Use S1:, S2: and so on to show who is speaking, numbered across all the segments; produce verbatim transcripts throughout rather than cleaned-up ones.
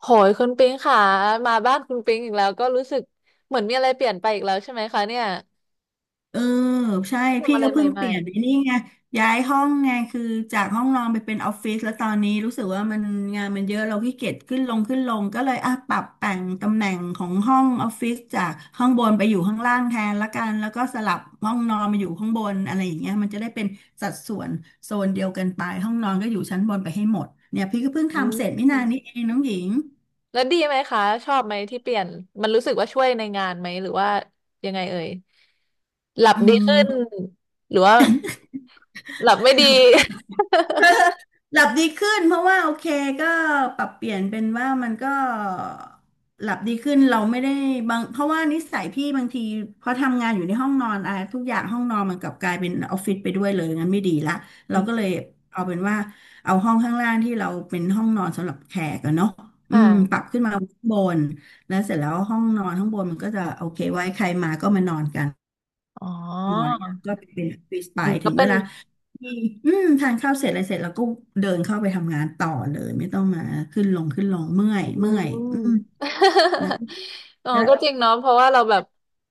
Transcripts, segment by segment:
S1: โหยคุณปิงค่ะมาบ้านคุณปิงอีกแล้วก็รู้สึกเหมือนมีอะไรเปลี่ยนไปอีกแล้วใช่ไหมคะเนี่ย
S2: เออใช่
S1: ทำ
S2: พี่
S1: อะไร
S2: ก็
S1: ใ
S2: เพิ่ง
S1: ห
S2: เป
S1: ม่
S2: ลี่ยนไปนี่ไงย้ายห้องไงคือจากห้องนอนไปเป็นออฟฟิศแล้วตอนนี้รู้สึกว่ามันงานมันเยอะเราขี้เกียจขึ้นลงขึ้นลงก็เลยอ่ะปรับแต่งตำแหน่งของห้องออฟฟิศจากข้างบนไปอยู่ข้างล่างแทนละกันแล้วก็สลับห้องนอนมาอยู่ข้างบนอะไรอย่างเงี้ยมันจะได้เป็นสัดส่วนโซนเดียวกันไปห้องนอนก็อยู่ชั้นบนไปให้หมดเนี่ยพี่ก็เพิ่ง
S1: ๆอื
S2: ทำเสร็จไม่
S1: ม
S2: นานนี้เองน้องหญิง
S1: ๆแล้วดีไหมคะชอบไหมที่เปลี่ยนมันรู้สึกว่าช่วยในงานไหมหรือว่ายังไงเอ่ยหลับ
S2: อื
S1: ดี
S2: ม
S1: ขึ้นหรือว่าหลับไม่
S2: ห
S1: ดี
S2: ลับ หลับดีขึ้นเพราะว่าโอเคก็ปรับเปลี่ยนเป็นว่ามันก็หลับดีขึ้นเราไม่ได้บางเพราะว่านิสัยพี่บางทีพอทำงานอยู่ในห้องนอนอะไรทุกอย่างห้องนอนมันกลับกลายเป็นออฟฟิศไปด้วยเลยงั้นไม่ดีละเราก็เลยเอาเป็นว่าเอาห้องข้างล่างที่เราเป็นห้องนอนสำหรับแขกกันเนาะ อื
S1: ค่ะ
S2: มปรับขึ้นมาข้างบนแล้วเสร็จแล้วห้องนอนข้างบนมันก็จะโอเคไว้ใครมาก็มานอนกัน
S1: อ๋อ
S2: ไว้ก็เป็นออฟฟิศไป
S1: อืม
S2: ถึ
S1: ก็
S2: ง
S1: เป็
S2: เว
S1: น
S2: ลา มีอืมทานข้าวเสร็จอะไรเสร็จแล้วก็เดินเข้าไปทำงานต่อเลยไม่ต้องมาขึ้นลงขึ้นลงเมื่อย
S1: อื
S2: เมื่อยอืม
S1: ม
S2: แล้ว
S1: อ๋อก็จริงเนาะเพราะว่าเราแบบ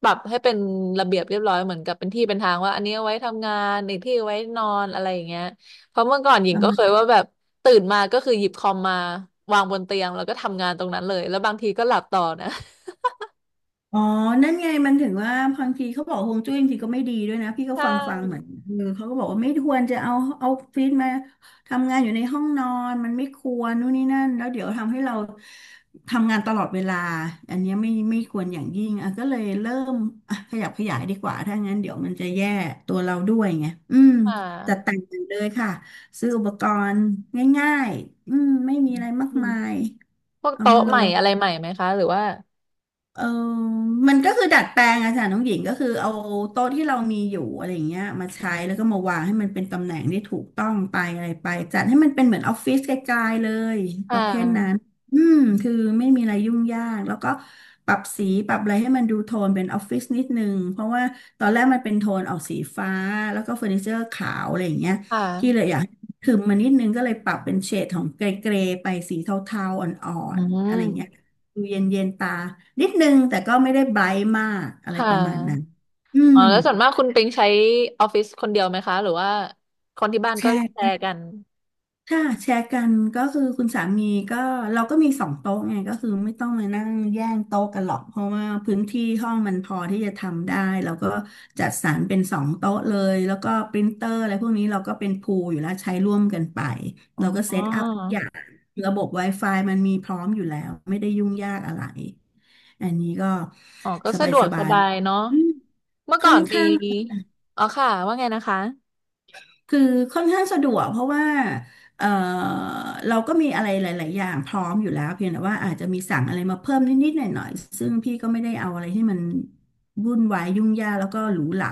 S1: ปรับให้เป็นระเบียบเรียบร้อยเหมือนกับเป็นที่เป็นทางว่าอันนี้เอาไว้ทำงานอีกที่เอาไว้นอนอะไรอย่างเงี้ยเพราะเมื่อก่อนหญิงก็เคย
S2: ก็
S1: ว่าแบบตื่นมาก็คือหยิบคอมมาวางบนเตียงแล้วก็ทำงานตรงนั้นเลยแล้วบางทีก็หลับต่อนะ
S2: อ๋อนั่นไงมันถึงว่าบางทีเขาบอกฮวงจุ้ยบางทีก็ไม่ดีด้วยนะพี่ก็
S1: ใช
S2: ฟังฟังเหมือน
S1: ่
S2: เออเขาก็บอกว่าไม่ควรจะเอาเอาฟิตมาทำงานอยู่ในห้องนอนมันไม่ควรนู่นนี่นั่นแล้วเดี๋ยวทำให้เราทำงานตลอดเวลาอันเนี้ยไม่ไม่ควรอย่างยิ่งอ่ะก็เลยเริ่มอ่ะขยับขยายดีกว่าถ้างั้นเดี๋ยวมันจะแย่ตัวเราด้วยไงอืม
S1: ค่
S2: จัด
S1: ะ
S2: แต่งเลยค่ะซื้ออุปกรณ์ง่ายๆอืมไม่มีอะไรมาก
S1: อืม
S2: มาย
S1: พวก
S2: เอา
S1: โต๊ะ
S2: มาล
S1: ใหม่
S2: ง
S1: อะไรใหม่ไหมคะหรือว่า
S2: เออมันก็คือดัดแปลงอะค่ะน้องหญิงก็คือเอาโต๊ะที่เรามีอยู่อะไรอย่างเงี้ยมาใช้แล้วก็มาวางให้มันเป็นตำแหน่งที่ถูกต้องไปอะไรไปจัดให้มันเป็นเหมือนออฟฟิศไกลๆเลยป
S1: ค่
S2: ระเภทนั้น
S1: ะ
S2: อืมคือไม่มีอะไรยุ่งยากแล้วก็ปรับสีปรับอะไรให้มันดูโทนเป็นออฟฟิศนิดนึงเพราะว่าตอนแรกมันเป็นโทนออกสีฟ้าแล้วก็เฟอร์นิเจอร์ขาวอะไรอย่างเงี้ย
S1: ค
S2: พี่เลย
S1: ่ะ
S2: อยากถึมมานิดนึงก็เลยปรับเป็นเฉดของเกรย์ๆไปสีเทาๆอ่อ
S1: อื
S2: นๆอะไรอย่างเงี้ย
S1: ม
S2: ดูเย็นเย็นตานิดนึงแต่ก็ไม่ได้ไบรท์มากอะไร
S1: ค่ะ
S2: ประมาณนั้นอื
S1: อ๋อ
S2: ม
S1: แล้วส่วนมากคุณปิงใช้ออฟฟิศคนเดียวไหมคะหรือว่าคนที่บ้าน
S2: แช
S1: ก็
S2: ร์
S1: แช
S2: กัน
S1: ร์กัน
S2: ค่ะแชร์กันก็คือคุณสามีก็เราก็มีสองโต๊ะไงก็คือไม่ต้องมานั่งแย่งโต๊ะกันหรอกเพราะว่าพื้นที่ห้องมันพอที่จะทำได้เราก็จัดสรรเป็นสองโต๊ะเลยแล้วก็ปรินเตอร์อะไรพวกนี้เราก็เป็นพูลอยู่แล้วใช้ร่วมกันไป
S1: อ
S2: เราก็
S1: ๋
S2: เซ
S1: อ
S2: ตอัพทุกอย่างระบบ ไว ไฟ มันมีพร้อมอยู่แล้วไม่ได้ยุ่งยากอะไรอันนี้ก็
S1: อ๋อก็
S2: ส
S1: สะดวกส
S2: บาย
S1: บายเนาะ
S2: ๆ
S1: เมื่อก่
S2: ค่อ
S1: อ
S2: น
S1: นมี
S2: ข้าง
S1: อ๋อค่ะว่าไงนะคะ
S2: คือค่อนข้างสะดวกเพราะว่าเออเราก็มีอะไรหลายๆอย่างพร้อมอยู่แล้วเพียงแต่ว่าอาจจะมีสั่งอะไรมาเพิ่มนิดๆหน่อยๆซึ่งพี่ก็ไม่ได้เอาอะไรที่มันวุ่นวายยุ่งยากแล้วก็หรูหรา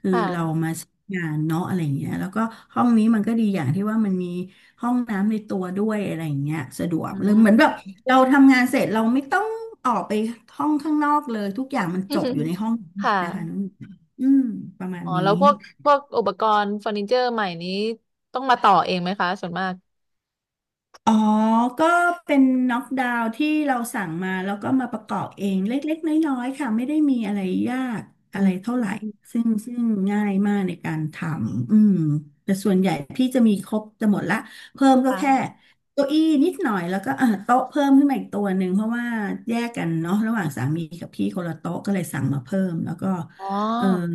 S2: คือเรา
S1: ค่ะ
S2: มาใช้งานเนาะอะไรอย่างเงี้ยแล้วก็ห้องนี้มันก็ดีอย่างที่ว่ามันมีห้องน้ำในตัวด้วยอะไรอย่างเงี้ยสะดวก
S1: อื
S2: เลยเหมือนแบ
S1: ม
S2: บเราทำงานเสร็จเราไม่ต้องออกไปห้องข้างนอกเลยทุกอย่างมันจบอยู่ใน ห้อง
S1: ค่ะ
S2: นะคะน้องหญิงอืมประมาณ
S1: อ๋อ
S2: นี้
S1: แล้วพวกพวกอุปกรณ์เฟอร์นิเจอร์ใหม่นี้ต้องมาต่อเองไหมคะส่วนมาก
S2: อ๋อ ก็เป็นน็อกดาวน์ที่เราสั่งมาแล้วก็มาประกอบเองเล็กๆน้อยๆค่ะไม่ได้มีอะไรยาก
S1: อื
S2: อะไร
S1: ม
S2: เท่าไหร่ซึ่งซึ่งง่ายมากในการทำอืมแต่ส่วนใหญ่พี่จะมีครบจะหมดละเพิ่มก็แค่
S1: ค่ะ
S2: เก้าอี้นิดหน่อยแล้วก็เออโต๊ะเพิ่มขึ้นมาอีกตัวหนึ่งเพราะว่าแยกกันเนาะระหว่างสามีกับพี่คนละโต๊ะก็เลยสั่งมาเพิ่มแล้วก็
S1: อ๋
S2: เออ
S1: อ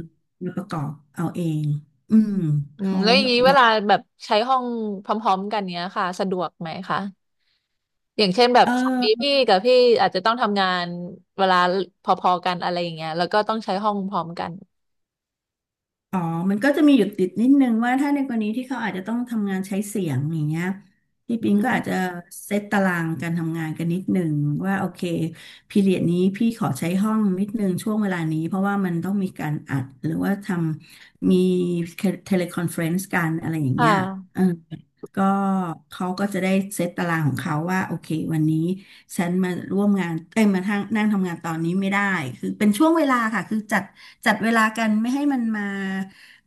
S2: มาประกอบเอาเองอืม
S1: อืม
S2: เขา
S1: แล้วอย่าง
S2: แบบ
S1: นี้เว
S2: นับ
S1: ลาแบบใช้ห้องพร้อมๆกันเนี้ยค่ะสะดวกไหมคะ อย่างเช่นแบ
S2: เ
S1: บสามี
S2: ออ
S1: พี่กับพี่อาจจะต้องทำงานเวลาพอๆกันอะไรอย่างเงี้ยแล้วก็ต้องใช้ห้องพร้อมกัน
S2: อ๋อมันก็จะมีหยุดติดนิดนึงว่าถ้าในกรณีที่เขาอาจจะต้องทำงานใช้เสียงอย่างเงี้ยพี่
S1: อื
S2: ปิงก็อา
S1: ม
S2: จจะเซตตารางการทำงานกันนิดนึงว่าโอเคพีเรียดนี้พี่ขอใช้ห้องนิดนึงช่วงเวลานี้เพราะว่ามันต้องมีการอัดหรือว่าทำมีเทเลคอนเฟรนซ์กันอะไรอย่าง
S1: ค
S2: เงี้ย
S1: ่ะ
S2: เออก็เขาก็จะได้เซตตารางของเขาว่าโอเควันนี้ ฉันมาร่วมงานเอ้ยมาทางนั่งทำงานตอนนี้ไม่ได้คือเป็นช่วงเวลาค่ะคือจัดจัดเวลากันไม่ให้มันมา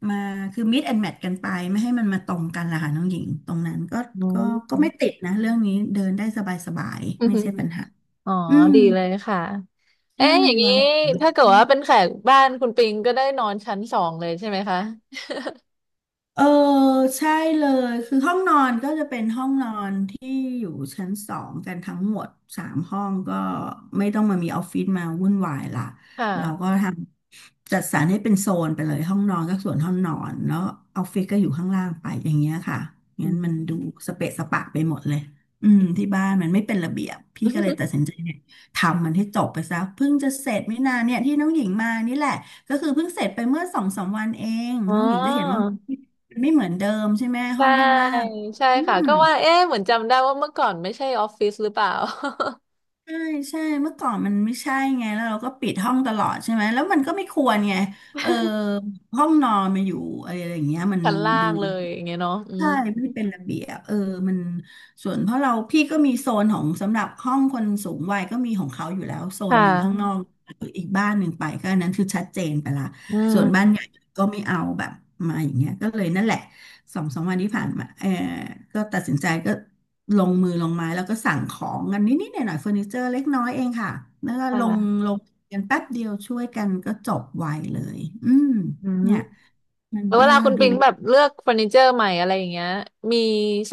S2: มาคือ meet and match กันไปไม่ให้มันมาตรงกันล่ะค่ะน้องหญิงตรงนั้นก็
S1: อื
S2: ก็ก็ไม่
S1: ม
S2: ติดนะเรื่องนี้เดินได้สบาย
S1: อื
S2: ๆไม่
S1: ม
S2: ใช่ปัญหา
S1: อ๋อ
S2: อืม
S1: ดีเลยค่ะ
S2: ใช่
S1: เอ๊ะอย่าง
S2: วั
S1: นี้
S2: ง
S1: ถ้าเกิดว่าเป็นแขกบ้านคุณปิงก็ได้นอนชั้นสองเลยใช่ไหมคะ
S2: เออใช่เลยคือห้องนอนก็จะเป็นห้องนอนที่อยู่ชั้นสองกันทั้งหมดสามห้องก็ไม่ต้องมามีออฟฟิศมาวุ่นวายละ
S1: ค่ะ
S2: เราก็ทำจัดสรรให้เป็นโซนไปเลยห้องนอนก็ส่วนห้องนอนแล้วออฟฟิศก็อยู่ข้างล่างไปอย่างเงี้ยค่ะ
S1: อื
S2: งั้นมันดู
S1: ม
S2: สเปะสปะไปหมดเลยอืมที่บ้านมันไม่เป็นระเบียบพี่ก็เลยตัดสินใจเนี่ยทำมันให้จบไปซะเพิ่งจะเสร็จไม่นานเนี่ยที่น้องหญิงมานี่แหละก็คือเพิ่งเสร็จไปเมื่อสองสามวันเอง
S1: อ๋อ
S2: น้องหญิงจะเห็นว่า ไม่เหมือนเดิมใช่ไหมห้
S1: ใช่
S2: องข้างล่าง
S1: ใช่
S2: อื
S1: ค่ะ
S2: ม
S1: ก็ว่าเอ๊ะเหมือนจำได้ว่าเมื่อก่อนไม่ใช่ออฟฟิศหรือเปล่า
S2: ใช่ใช่เมื่อก่อนมันไม่ใช่ไงแล้วเราก็ปิดห้องตลอดใช่ไหมแล้วมันก็ไม่ควรไงเออห้องนอนมาอยู่อะไรอย่างเงี้ยมั น
S1: ชั้นล่า
S2: ดู
S1: งเลยอย่างเงี้ยเนาะอื
S2: ใช่
S1: ม
S2: ไม่เป็นระเบียบเออมันส่วนเพราะเราพี่ก็มีโซนของสำหรับห้องคนสูงวัยก็มีของเขาอยู่แล้วโซ
S1: ค่
S2: นหนึ่งข้างนอ
S1: ะ
S2: กอีกบ้านหนึ่งไปก็อันนั้นคือชัดเจนไปละ
S1: อื
S2: ส่
S1: ม
S2: วนบ้านใหญ่ก็ไม่เอาแบบมาอย่างเงี้ยก็เลยนั่นแหละสองสามวันที่ผ่านมาเออก็ตัดสินใจก็ลงมือลงไม้แล้วก็สั่งของกันนิดๆหน่อยๆเฟอร์นิเจอร์เล็กน้อยเองค่ะแล้วก็ลง
S1: ค่ะ
S2: ลงกันแป๊บเดียวช่วยกันก็จบไวเลยอืม
S1: อืม
S2: เนี่ยมัน
S1: แล้วเว
S2: ก็
S1: ลาคุณ
S2: ดู
S1: ปิงแบบเลือกเฟอร์นิเจอร์ใหม่อะไรอย่างเงี้ยมี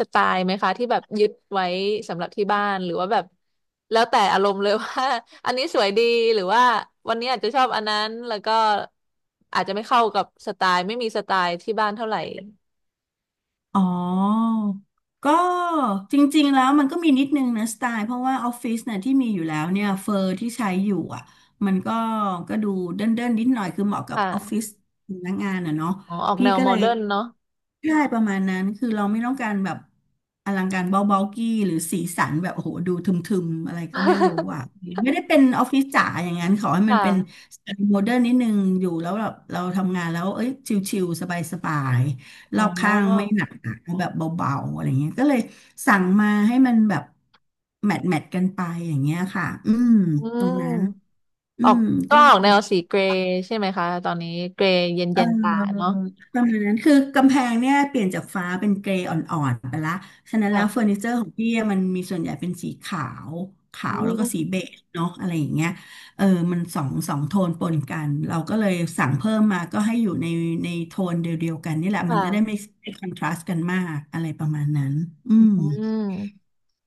S1: สไตล์ไหมคะที่แบบยึดไว้สำหรับที่บ้านหรือว่าแบบแล้วแต่อารมณ์เลยว่า อันนี้สวยดีหรือว่าวันนี้อาจจะชอบอันนั้นแล้วก็อาจจะไม่เข้ากับสไตล์ไม่มีสไตล์ที่บ้านเท่าไหร่
S2: อ๋อก็จริงๆแล้วมันก็มีนิดนึงนะสไตล์เพราะว่าออฟฟิศเนี่ยที่มีอยู่แล้วเนี่ยเฟอร์ที่ใช้อยู่อ่ะมันก็ก็ดูเด้นเดนนิดหน่อยคือเหมาะกับออฟฟิ
S1: ค่ะ
S2: ศพนักงานอ่ะเนาะ
S1: อ๋อออก
S2: พี่
S1: แนว
S2: ก็
S1: โม
S2: เลย
S1: เดิร์นเนาะ
S2: ใช่ประมาณนั้นคือเราไม่ต้องการแบบอลังการเบาๆกี้หรือสีสันแบบโอ้โหดูทึมๆอะไรก็ไม่รู้อ่ะ ไม่ได้เป็นออฟฟิศจ๋าอย่างนั้นขอให้
S1: ค
S2: มันเป็น
S1: ่ะ
S2: สไตล์โมเดิร์นนิดนึงอยู่แล้วแบบเราทำงานแล้วเอ้ยชิลๆสบาย ร
S1: อ๋อ
S2: อบข้างไม่หนักหนาแบบเบาๆอะไรเงี้ยก็เลยสั่งมาให้มันแบบแมทแมทกันไปอย่างเงี้ยค่ะอืม
S1: อื
S2: ตรงนั้น
S1: ม
S2: อื
S1: ออก
S2: ม
S1: ก็
S2: ก็
S1: ออกแนวสีเกรย์ใช่ไหมคะตอนนี้เกรย์เ
S2: เ
S1: ย็นๆตา
S2: อ
S1: เนาะ
S2: อประมาณนั้นคือกำแพงเนี่ยเปลี่ยนจากฟ้าเป็นเกรย์อ่อนๆไปละ ฉะนั้นแล้วเฟอ
S1: ค่ะ
S2: ร์นิเจอร์ของพี่อะมันมีส่วนใหญ่เป็นสีขาวขา
S1: อื
S2: วแล้วก็สี
S1: ม
S2: เบจเนาะอะไรอย่างเงี้ยเออมันสองสองโทนปนกันเราก็เลยสั่งเพิ่มมาก็ให้อยู่ในในโทนเดียวๆกันนี่แหละมั
S1: ค่ะ
S2: นจะได้ไม่ไม่คอนทราสต์กันมากอะไรประมาณนั้นอื
S1: อ
S2: ม
S1: ืม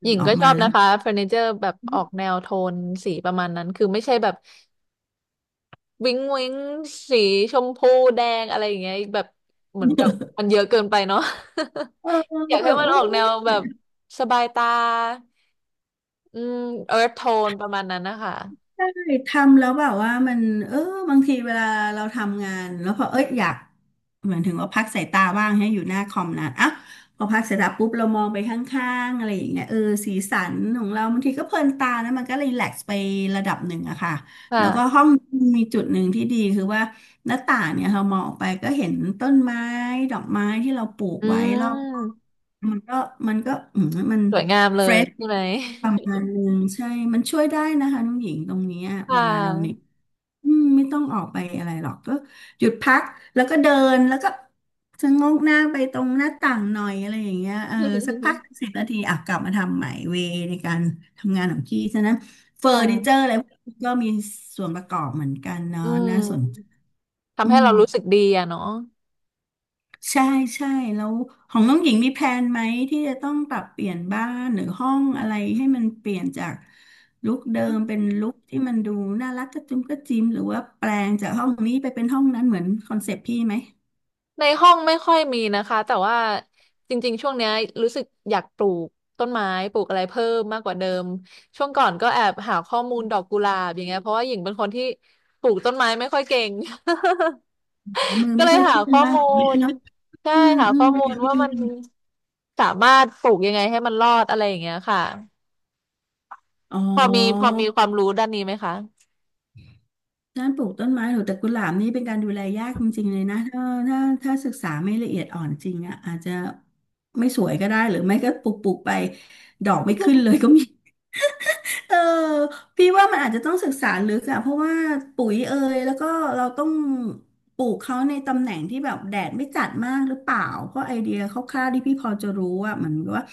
S1: หญิง
S2: ออ
S1: ก็
S2: ก
S1: ช
S2: มา
S1: อบ
S2: แล้
S1: นะ
S2: ว
S1: คะเฟอร์นิเจอร์แบบออกแนวโทนสีประมาณนั้นคือไม่ใช่แบบวิ้งวิ้งสีชมพูแดงอะไรอย่างเงี้ยแบบเหมือนกับมันเยอะเกินไปเนาะ
S2: เออ
S1: อยาก
S2: แบ
S1: ให้
S2: บ
S1: มัน
S2: โอ้
S1: ออกแนวแบบ
S2: ย
S1: สบายตาอืมเอิร์ธโทนประมาณนั้นนะคะ
S2: ใช่ทำแล้วแบบว่ามันเออบางทีเวลาเราทำงานแล้วพอเอ้ยอยากเหมือนถึงว่าพักสายตาบ้างให้อยู่หน้าคอมนานอ่ะพอพักสายตาปุ๊บเรามองไปข้างๆอะไรอย่างเงี้ยเออสีสันของเราบางทีก็เพลินตานะมันก็รีแลกซ์ไประดับหนึ่งอะค่ะแล้วก็
S1: ค่ะ
S2: ห้องมีจุดหนึ่งที่ดีคือว่าหน้าต่างเนี่ยเรามองออกไปก็เห็นต้นไม้ดอกไม้ที่เราปลูก
S1: อื
S2: ไว้รอบ
S1: ม
S2: ๆมันก็มันก็อืมมัน
S1: สวยงามเล
S2: เฟร
S1: ย
S2: ช
S1: ใช่ไหม
S2: ประมาณหนึ่งใช่มันช่วยได้นะคะน้องหญิงตรงเนี้ย
S1: ค่
S2: เวลาเราเหน็ด
S1: ะ
S2: อืมไม่ต้องออกไปอะไรหรอกก็หยุดพักแล้วก็เดินแล้วก็ชะโงกหน้าไปตรงหน้าต่างหน่อยอะไรอย่างเงี้ยเออสักพัก สิบนาทีอ่ะกลับมาทำใหม่เวในการทำงานของพี่ฉะนั้นเฟ
S1: ค
S2: อร์นิเจอ
S1: ่ะ
S2: ร์อะไรพวกนี้ก็มีส่วนประกอบเหมือนกันเนาะ
S1: อื
S2: น่าสน
S1: ม
S2: ใจอื
S1: ทำให้
S2: ม
S1: เรารู้สึกดีอะเนาะ
S2: ใช่ใช่แล้วของน้องหญิงมีแพลนไหมที่จะต้องปรับเปลี่ยนบ้านหรือห้องอะไรให้มันเปลี่ยนจากลุคเดิมเป็นลุคที่มันดูน่ารักกระจุมกระจิมหรือว่าแปลงจากห้องนี้ไปเป็นห้องนั้นเหมือนคอนเซปต์พี่ไหม
S1: ในห้องไม่ค่อยมีนะคะแต่ว่าจริงๆช่วงเนี้ยรู้สึกอยากปลูกต้นไม้ปลูกอะไรเพิ่มมากกว่าเดิมช่วงก่อนก็แอบหาข้อมูลดอกกุหลาบอย่างเงี้ยเพราะว่าหญิงเป็นคนที่ปลูกต้นไม้ไม่ค่อยเก่ง
S2: อ๋อมือ
S1: ก็
S2: ไม่
S1: เลย
S2: ค่อย
S1: หา
S2: ขึ้น
S1: ข้อ
S2: ว่า
S1: มูล
S2: เนาะ
S1: ใช่
S2: อืม
S1: หา
S2: อื
S1: ข้
S2: ม
S1: อมูลว่ามัน
S2: อ
S1: สามารถปลูกยังไงให้มันรอดอะไรอย่างเงี้ยค่ะ
S2: ๋
S1: พอมีพอ
S2: อ
S1: มีความรู้ด้านนี้ไหมคะ
S2: ด้านปลูกต้นไม้หรือแต่กุหลาบนี่เป็นการดูแลยากจริงๆเลยนะถ้าถ้าถ้าศึกษาไม่ละเอียดอ่อนจริงอ่ะอาจจะไม่สวยก็ได้หรือไม่ก็ปลูกปลูกไปดอกไม่ขึ้นเลยก็มี เออพี่ว่ามันอาจจะต้องศึกษาลึกอะเพราะว่าปุ๋ยเอยแล้วก็เราต้องปลูกเขาในตำแหน่งที่แบบแดดไม่จัดมากหรือเปล่าเพราะไอเดียคร่าวๆที่พี่พอจะรู้อะมันก็ว่า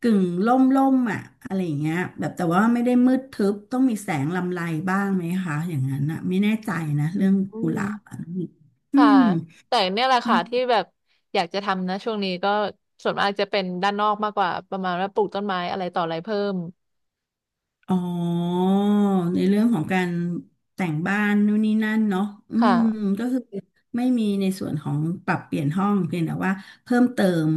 S2: กึ่งร่มร่มอะอะไรอย่างเงี้ยแบบแต่ว่าไม่ได้มืดทึบต้องมีแสงลำไรบ้างไหมคะอย่างนั้นอะไม่แน่ใจนะ
S1: อื
S2: เรื่องกุหลาบ
S1: ม
S2: อะอื
S1: ค่ะ
S2: ม
S1: แต่เนี่ยแหละค่ะที่แบบอยากจะทำนะช่วงนี้ก็ส่วนมากจะเป็นด้านนอกมากกว่าประมาณว่าปลูกต้นไม้อะไรต่ออะไรเพิ่ม
S2: อ๋อในเรื่องของการแต่งบ้านนู่นนี่นั่นเนาะอื
S1: ค่ะ
S2: มก็คือไม่มีในส่วนของปรับเปลี่ยนห้องเพียงแต่ว่าเพิ่มเติม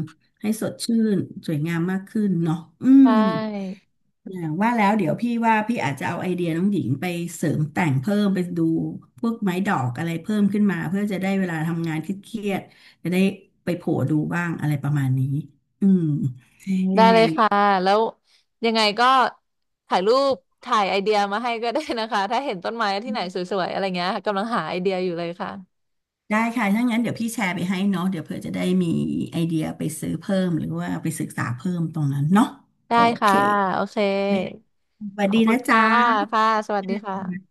S2: ให้สดชื่นสวยงามมากขึ้นเนาะอื
S1: ใช
S2: ม
S1: ่
S2: อย่างว่าแล้วเดี๋ยวพี่ว่าพี่อาจจะเอาไอเดียน้องหญิงไปเสริมแต่งเพิ่มไปดูพวกไม้ดอกอะไรเพิ่มขึ้นมาเพื่อจะได้เวลาทำงานเครียดๆจะได้ไปโผล่ดูบ้างอะไรประมาณนี้อืม
S1: อืม
S2: ยั
S1: ได้
S2: งไง
S1: เลยค่ะแล้วยังไงก็ถ่ายรูปถ่ายไอเดียมาให้ก็ได้นะคะ ถ้าเห็นต้นไม้ที่ไหนสวยๆอะไรเงี้ยกำลังหาไอเดียอยู่เลยค่ะ
S2: ได้ค่ะถ้างั้นเดี๋ยวพี่แชร์ไปให้เนาะเดี๋ยวเผื่อจะได้มีไอเดียไปซื้อเพิ่มหรือว่าไปศึกษาเพิ่มตรงนั้นเนาะโอ
S1: ได้
S2: เค
S1: ค่ะโอเค
S2: สวัส
S1: ขอ
S2: ดี
S1: บคุณ
S2: นะ
S1: ค่ะ
S2: จ๊ะ
S1: ค่ะสวัสดีค่ะ